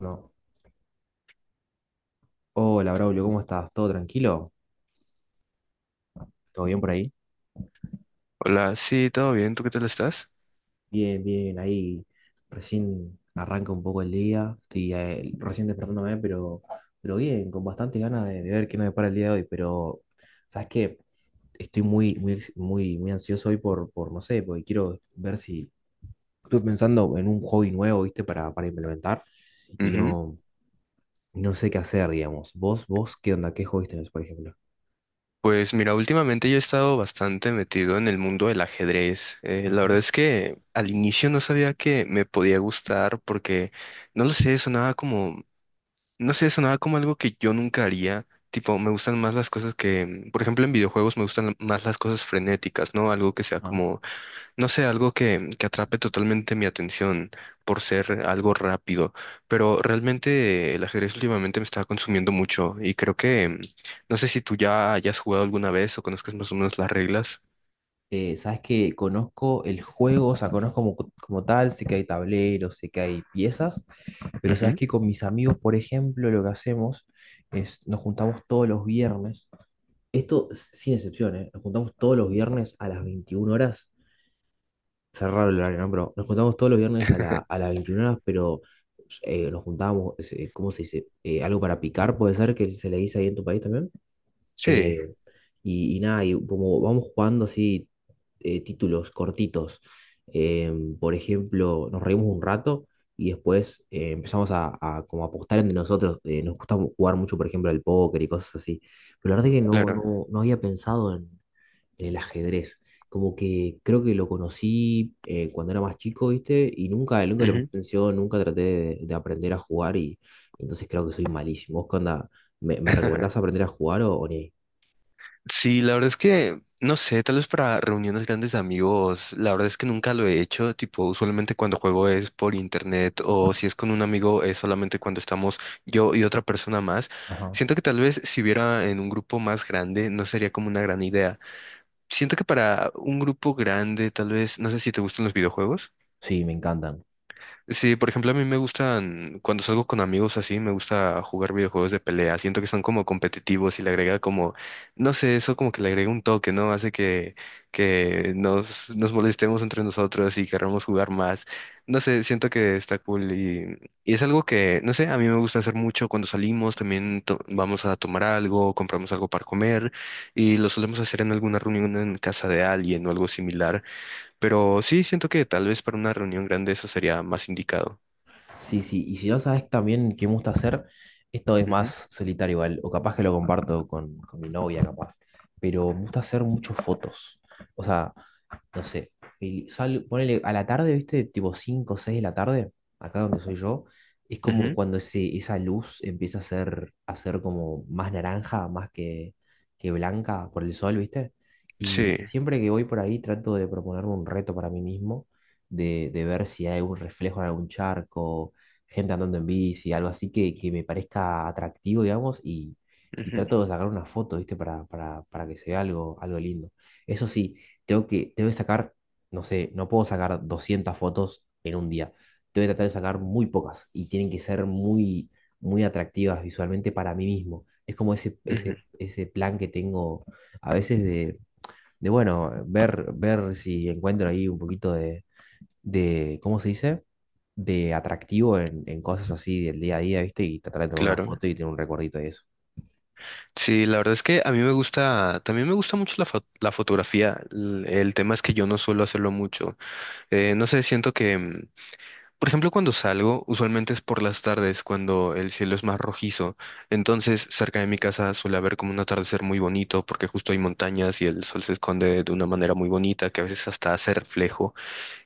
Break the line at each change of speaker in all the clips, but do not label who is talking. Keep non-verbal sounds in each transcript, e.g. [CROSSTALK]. No. Hola, Braulio, ¿cómo estás? ¿Todo tranquilo? ¿Todo bien por ahí?
Hola, sí, todo bien, ¿tú qué tal estás?
Bien, bien, ahí recién arranca un poco el día, estoy recién despertándome, pero bien, con bastantes ganas de ver qué nos depara el día de hoy, pero ¿sabes qué? Estoy muy, muy, muy, muy ansioso hoy por, no sé, porque quiero ver si estoy pensando en un hobby nuevo, ¿viste? Para implementar y
Ujú.
no sé qué hacer, digamos. ¿Vos qué onda? ¿Qué hobbies tenés, por ejemplo?
Pues mira, últimamente yo he estado bastante metido en el mundo del ajedrez. La
Ajá,
verdad es que al inicio no sabía que me podía gustar porque, no lo sé, sonaba como, no sé, sonaba como algo que yo nunca haría. Tipo, me gustan más las cosas que, por ejemplo, en videojuegos me gustan más las cosas frenéticas, ¿no? Algo que sea
ajá.
como no sé, algo que atrape totalmente mi atención por ser algo rápido, pero realmente el ajedrez últimamente me está consumiendo mucho y creo que, no sé si tú ya hayas jugado alguna vez o conozcas más o menos las reglas.
Sabes que conozco el juego, o sea, conozco como tal, sé que hay tableros, sé que hay piezas, pero sabes
Ujú.
que con mis amigos, por ejemplo, lo que hacemos es nos juntamos todos los viernes, sin excepción, ¿eh? Nos juntamos todos los viernes a las 21 horas, cerrar el horario, ¿no? Pero nos juntamos todos los viernes a
[LAUGHS]
las 21 horas, pero nos juntamos, ¿cómo se dice? Algo para picar, puede ser que se le dice ahí en tu país también.
Sí,
Eh, y nada, y como vamos jugando así títulos cortitos, eh, por ejemplo, nos reímos un rato y después empezamos a como apostar entre nosotros. Nos gusta jugar mucho, por ejemplo, al póker y cosas así. Pero la verdad que
claro.
no había pensado en el ajedrez. Como que creo que lo conocí cuando era más chico, ¿viste? Y nunca, nunca le presté
Ujú.
atención, nunca traté de aprender a jugar y entonces creo que soy malísimo. ¿Vos qué onda? Me recomendás
[LAUGHS]
aprender a jugar o ni ahí?
Sí, la verdad es que, no sé, tal vez para reuniones grandes de amigos, la verdad es que nunca lo he hecho, tipo, usualmente cuando juego es por internet o si es con un amigo es solamente cuando estamos yo y otra persona más.
Ajá.
Siento que tal vez si hubiera en un grupo más grande no sería como una gran idea. Siento que para un grupo grande, tal vez, no sé si te gustan los videojuegos.
Sí, me encantan.
Sí, por ejemplo, a mí me gustan, cuando salgo con amigos así, me gusta jugar videojuegos de pelea. Siento que son como competitivos y le agrega como, no sé, eso como que le agrega un toque, ¿no? Hace que, nos molestemos entre nosotros y queramos jugar más. No sé, siento que está cool y es algo que, no sé, a mí me gusta hacer mucho cuando salimos. También vamos a tomar algo, compramos algo para comer y lo solemos hacer en alguna reunión en casa de alguien o algo similar. Pero sí, siento que tal vez para una reunión grande eso sería más indicado.
Sí, sí. Y si no sabes también qué me gusta hacer, esto es
Ujú,
más solitario igual, o capaz que lo comparto con mi novia, capaz. Pero me gusta hacer muchas fotos. O sea, no sé, ponele a la tarde, ¿viste? Tipo 5 o 6 de la tarde, acá donde soy yo, es como
ujú.
cuando esa luz empieza a ser como más naranja, más que blanca por el sol, ¿viste?
Sí,
Y siempre que voy por ahí trato de proponerme un reto para mí mismo, de ver si hay un reflejo en algún charco, gente andando en bici, algo así que me parezca atractivo, digamos, y
ujú,
trato de sacar una foto, ¿viste? Para que se vea algo, algo lindo. Eso sí tengo tengo que sacar, no sé, no puedo sacar 200 fotos en un día. Tengo que tratar de sacar muy pocas y tienen que ser muy, muy atractivas visualmente para mí mismo. Es como
ujú,
ese plan que tengo a veces bueno, ver si encuentro ahí un poquito de ¿cómo se dice? De atractivo en cosas así del día a día, ¿viste? Y tratar de tomar una
claro.
foto y tener un recuerdito de eso.
Sí, la verdad es que a mí me gusta, también me gusta mucho la fotografía. El tema es que yo no suelo hacerlo mucho. No sé, siento que, por ejemplo, cuando salgo, usualmente es por las tardes, cuando el cielo es más rojizo. Entonces, cerca de mi casa suele haber como un atardecer muy bonito, porque justo hay montañas y el sol se esconde de una manera muy bonita, que a veces hasta hace reflejo.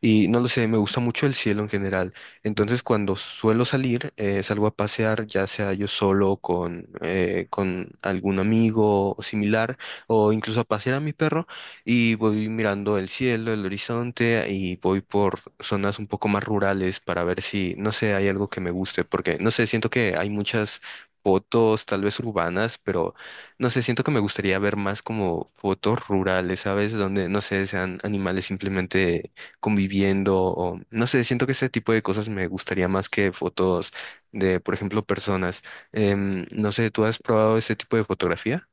Y no lo sé, me gusta mucho el cielo en general.
Ujú.
Entonces, cuando suelo salir, salgo a pasear, ya sea yo solo, con algún amigo o similar, o incluso a pasear a mi perro, y voy mirando el cielo, el horizonte, y voy por zonas un poco más rurales para ver si, no sé, hay algo que me guste, porque, no sé, siento que hay muchas fotos tal vez urbanas, pero no sé, siento que me gustaría ver más como fotos rurales, ¿sabes? Donde, no sé, sean animales simplemente conviviendo o no sé, siento que ese tipo de cosas me gustaría más que fotos de, por ejemplo, personas. No sé, ¿tú has probado ese tipo de fotografía?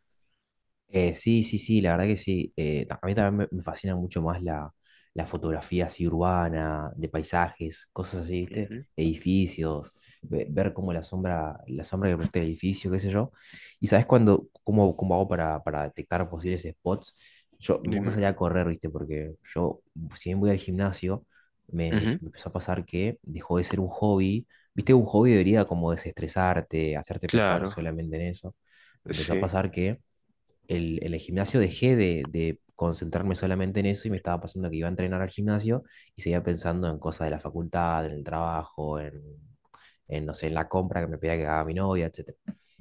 Sí, sí, la verdad que sí. A mí también me fascina mucho más la fotografía así urbana, de paisajes, cosas así, ¿viste?
Ujú,
Edificios, ver cómo la sombra que proyecta el edificio, qué sé yo. Y sabes cómo hago para detectar posibles spots? Yo me gusta
dime.
salir a correr, ¿viste? Porque yo, si bien voy al gimnasio,
Ujú,
me empezó a pasar que dejó de ser un hobby. ¿Viste? Un hobby debería como desestresarte, hacerte pensar
claro,
solamente en eso. Me empezó a
sí,
pasar que en el gimnasio dejé de concentrarme solamente en eso y me estaba pasando que iba a entrenar al gimnasio y seguía pensando en cosas de la facultad, en el trabajo, no sé, en la compra que me pedía que haga mi novia, etc.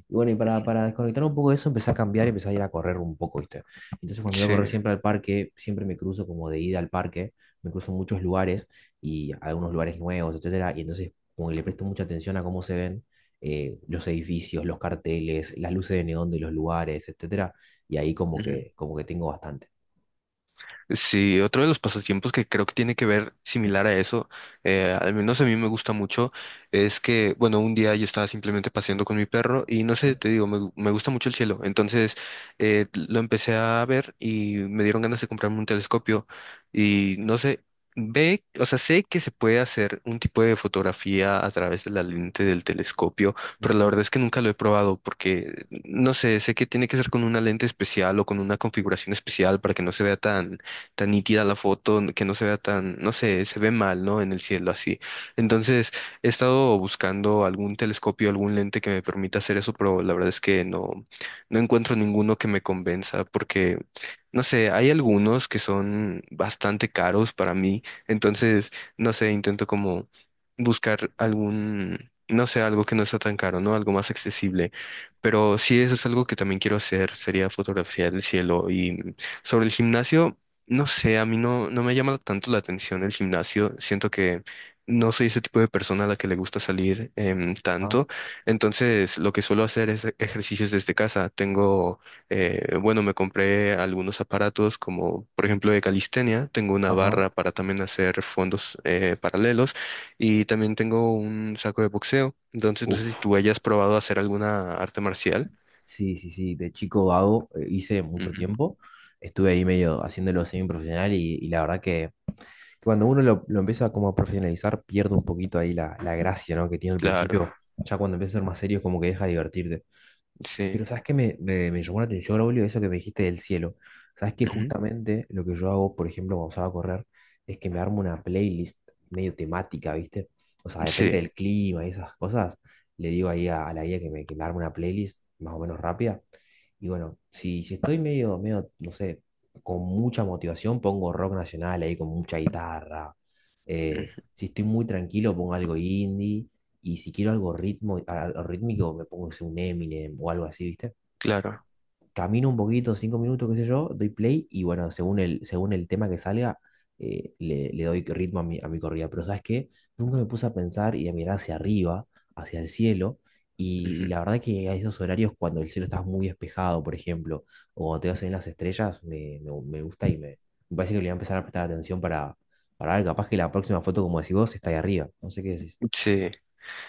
Y bueno, y para desconectar un poco de eso, empecé a cambiar y empecé a ir a correr un poco, ¿viste? Entonces, cuando voy a
sí.
correr siempre al parque, siempre me cruzo como de ida al parque, me cruzo en muchos lugares y algunos lugares nuevos, etcétera. Y entonces, como que le presto mucha atención a cómo se ven los edificios, los carteles, las luces de neón de los lugares, etcétera. Y ahí como
Ujú.
como que tengo bastante.
Sí, otro de los pasatiempos que creo que tiene que ver similar a eso, al menos a mí me gusta mucho, es que, bueno, un día yo estaba simplemente paseando con mi perro y no sé,
¿No?
te digo, me gusta mucho el cielo. Entonces lo empecé a ver y me dieron ganas de comprarme un telescopio y no sé, ve, o sea, sé que se puede hacer un tipo de fotografía a través de la lente del telescopio, pero la
Ujú.
verdad es que nunca lo he probado porque, no sé, sé que tiene que ser con una lente especial o con una configuración especial para que no se vea tan tan nítida la foto, que no se vea tan, no sé, se ve mal, ¿no? En el cielo así. Entonces, he estado buscando algún telescopio, algún lente que me permita hacer eso, pero la verdad es que no, no encuentro ninguno que me convenza porque, no sé, hay algunos que son bastante caros para mí. Entonces, no sé, intento como buscar algún, no sé, algo que no sea tan caro, ¿no? Algo más accesible. Pero sí, eso es algo que también quiero hacer, sería fotografiar el cielo. Y sobre el gimnasio, no sé, a mí no, no me llama tanto la atención el gimnasio. Siento que no soy ese tipo de persona a la que le gusta salir
Ajá,
tanto. Entonces, lo que suelo hacer es ejercicios desde casa. Tengo, bueno, me compré algunos aparatos como, por ejemplo, de calistenia. Tengo una
ajá.
barra para también hacer fondos paralelos y también tengo un saco de boxeo. Entonces, no sé si
Uf.
tú hayas probado hacer alguna arte marcial.
Sí, sí, sí. De chico hago, hice mucho
Ujú,
tiempo. Estuve ahí medio haciéndolo semi profesional y la verdad que cuando uno lo empieza como a profesionalizar, pierde un poquito ahí la gracia, ¿no? Que tiene al
claro,
principio. Ya cuando empieza a ser más serio, como que deja de divertirte. Pero
sí.
sabes que me llamó la atención, Braulio, eso que me dijiste del cielo. Sabes que
Ujú,
justamente lo que yo hago, por ejemplo, cuando salgo a correr, es que me armo una playlist medio temática, ¿viste? O sea,
sí,
depende del clima y esas cosas. Le digo ahí a la guía que que me arme una playlist más o menos rápida. Y bueno, si estoy no sé, con mucha motivación, pongo rock nacional ahí con mucha guitarra.
ujú,
Si estoy muy tranquilo, pongo algo indie. Y si quiero algo ritmo, algo rítmico, me pongo no sé, un Eminem o algo así, ¿viste?
claro.
Camino un poquito, cinco minutos, qué sé yo, doy play y bueno, según el tema que salga, le doy ritmo a a mi corrida. Pero ¿sabes qué? Nunca me puse a pensar y a mirar hacia arriba, hacia el cielo. Y la verdad que a esos horarios, cuando el cielo está muy despejado, por ejemplo, o cuando te vas a ver las estrellas, me gusta y me parece que le voy a empezar a prestar atención para ver, capaz que la próxima foto, como decís vos, está ahí arriba. No sé qué decís.
Sí,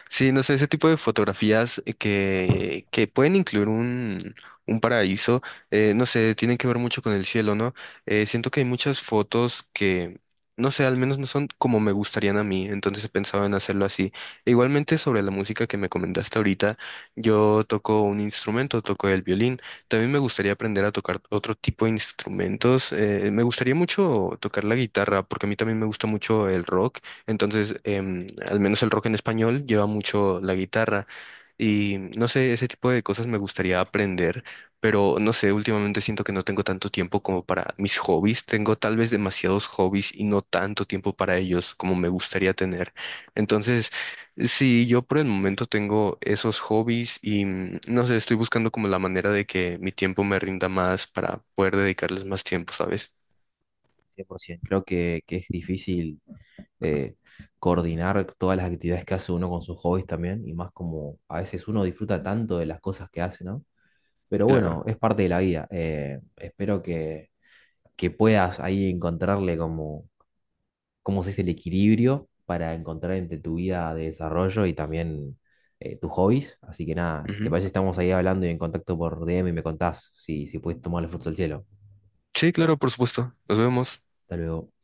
sí, no sé, ese tipo de fotografías que pueden incluir un paraíso, no sé, tienen que ver mucho con el cielo, ¿no? Siento que hay muchas fotos que, no sé, al menos no son como me gustarían a mí, entonces he pensado en hacerlo así. E igualmente sobre la música que me comentaste ahorita, yo toco un instrumento, toco el violín, también me gustaría aprender a tocar otro tipo de instrumentos, me gustaría mucho tocar la guitarra, porque a mí también me gusta mucho el rock. Entonces, al menos el rock en español lleva mucho la guitarra y no sé, ese tipo de cosas me gustaría aprender, pero no sé, últimamente siento que no tengo tanto tiempo como para mis hobbies, tengo tal vez demasiados hobbies y no tanto tiempo para ellos como me gustaría tener. Entonces, sí, yo por el momento tengo esos hobbies y mm, no sé, estoy buscando como la manera de que mi tiempo me rinda más para poder dedicarles más tiempo, ¿sabes?
100%. Creo que es difícil eh, coordinar todas las actividades que hace uno con sus hobbies también, y más como a veces uno disfruta tanto de las cosas que hace, ¿no? Pero
Claro.
bueno, es parte de la vida. Espero que puedas ahí encontrarle como, cómo se dice, el equilibrio para encontrar entre tu vida de desarrollo y también tus hobbies. Así que nada, ¿te
Ujú.
parece? Estamos ahí hablando y en contacto por DM y me contás si puedes tomar el fruto del cielo.
Sí, claro, por supuesto. Nos vemos.
Hasta luego.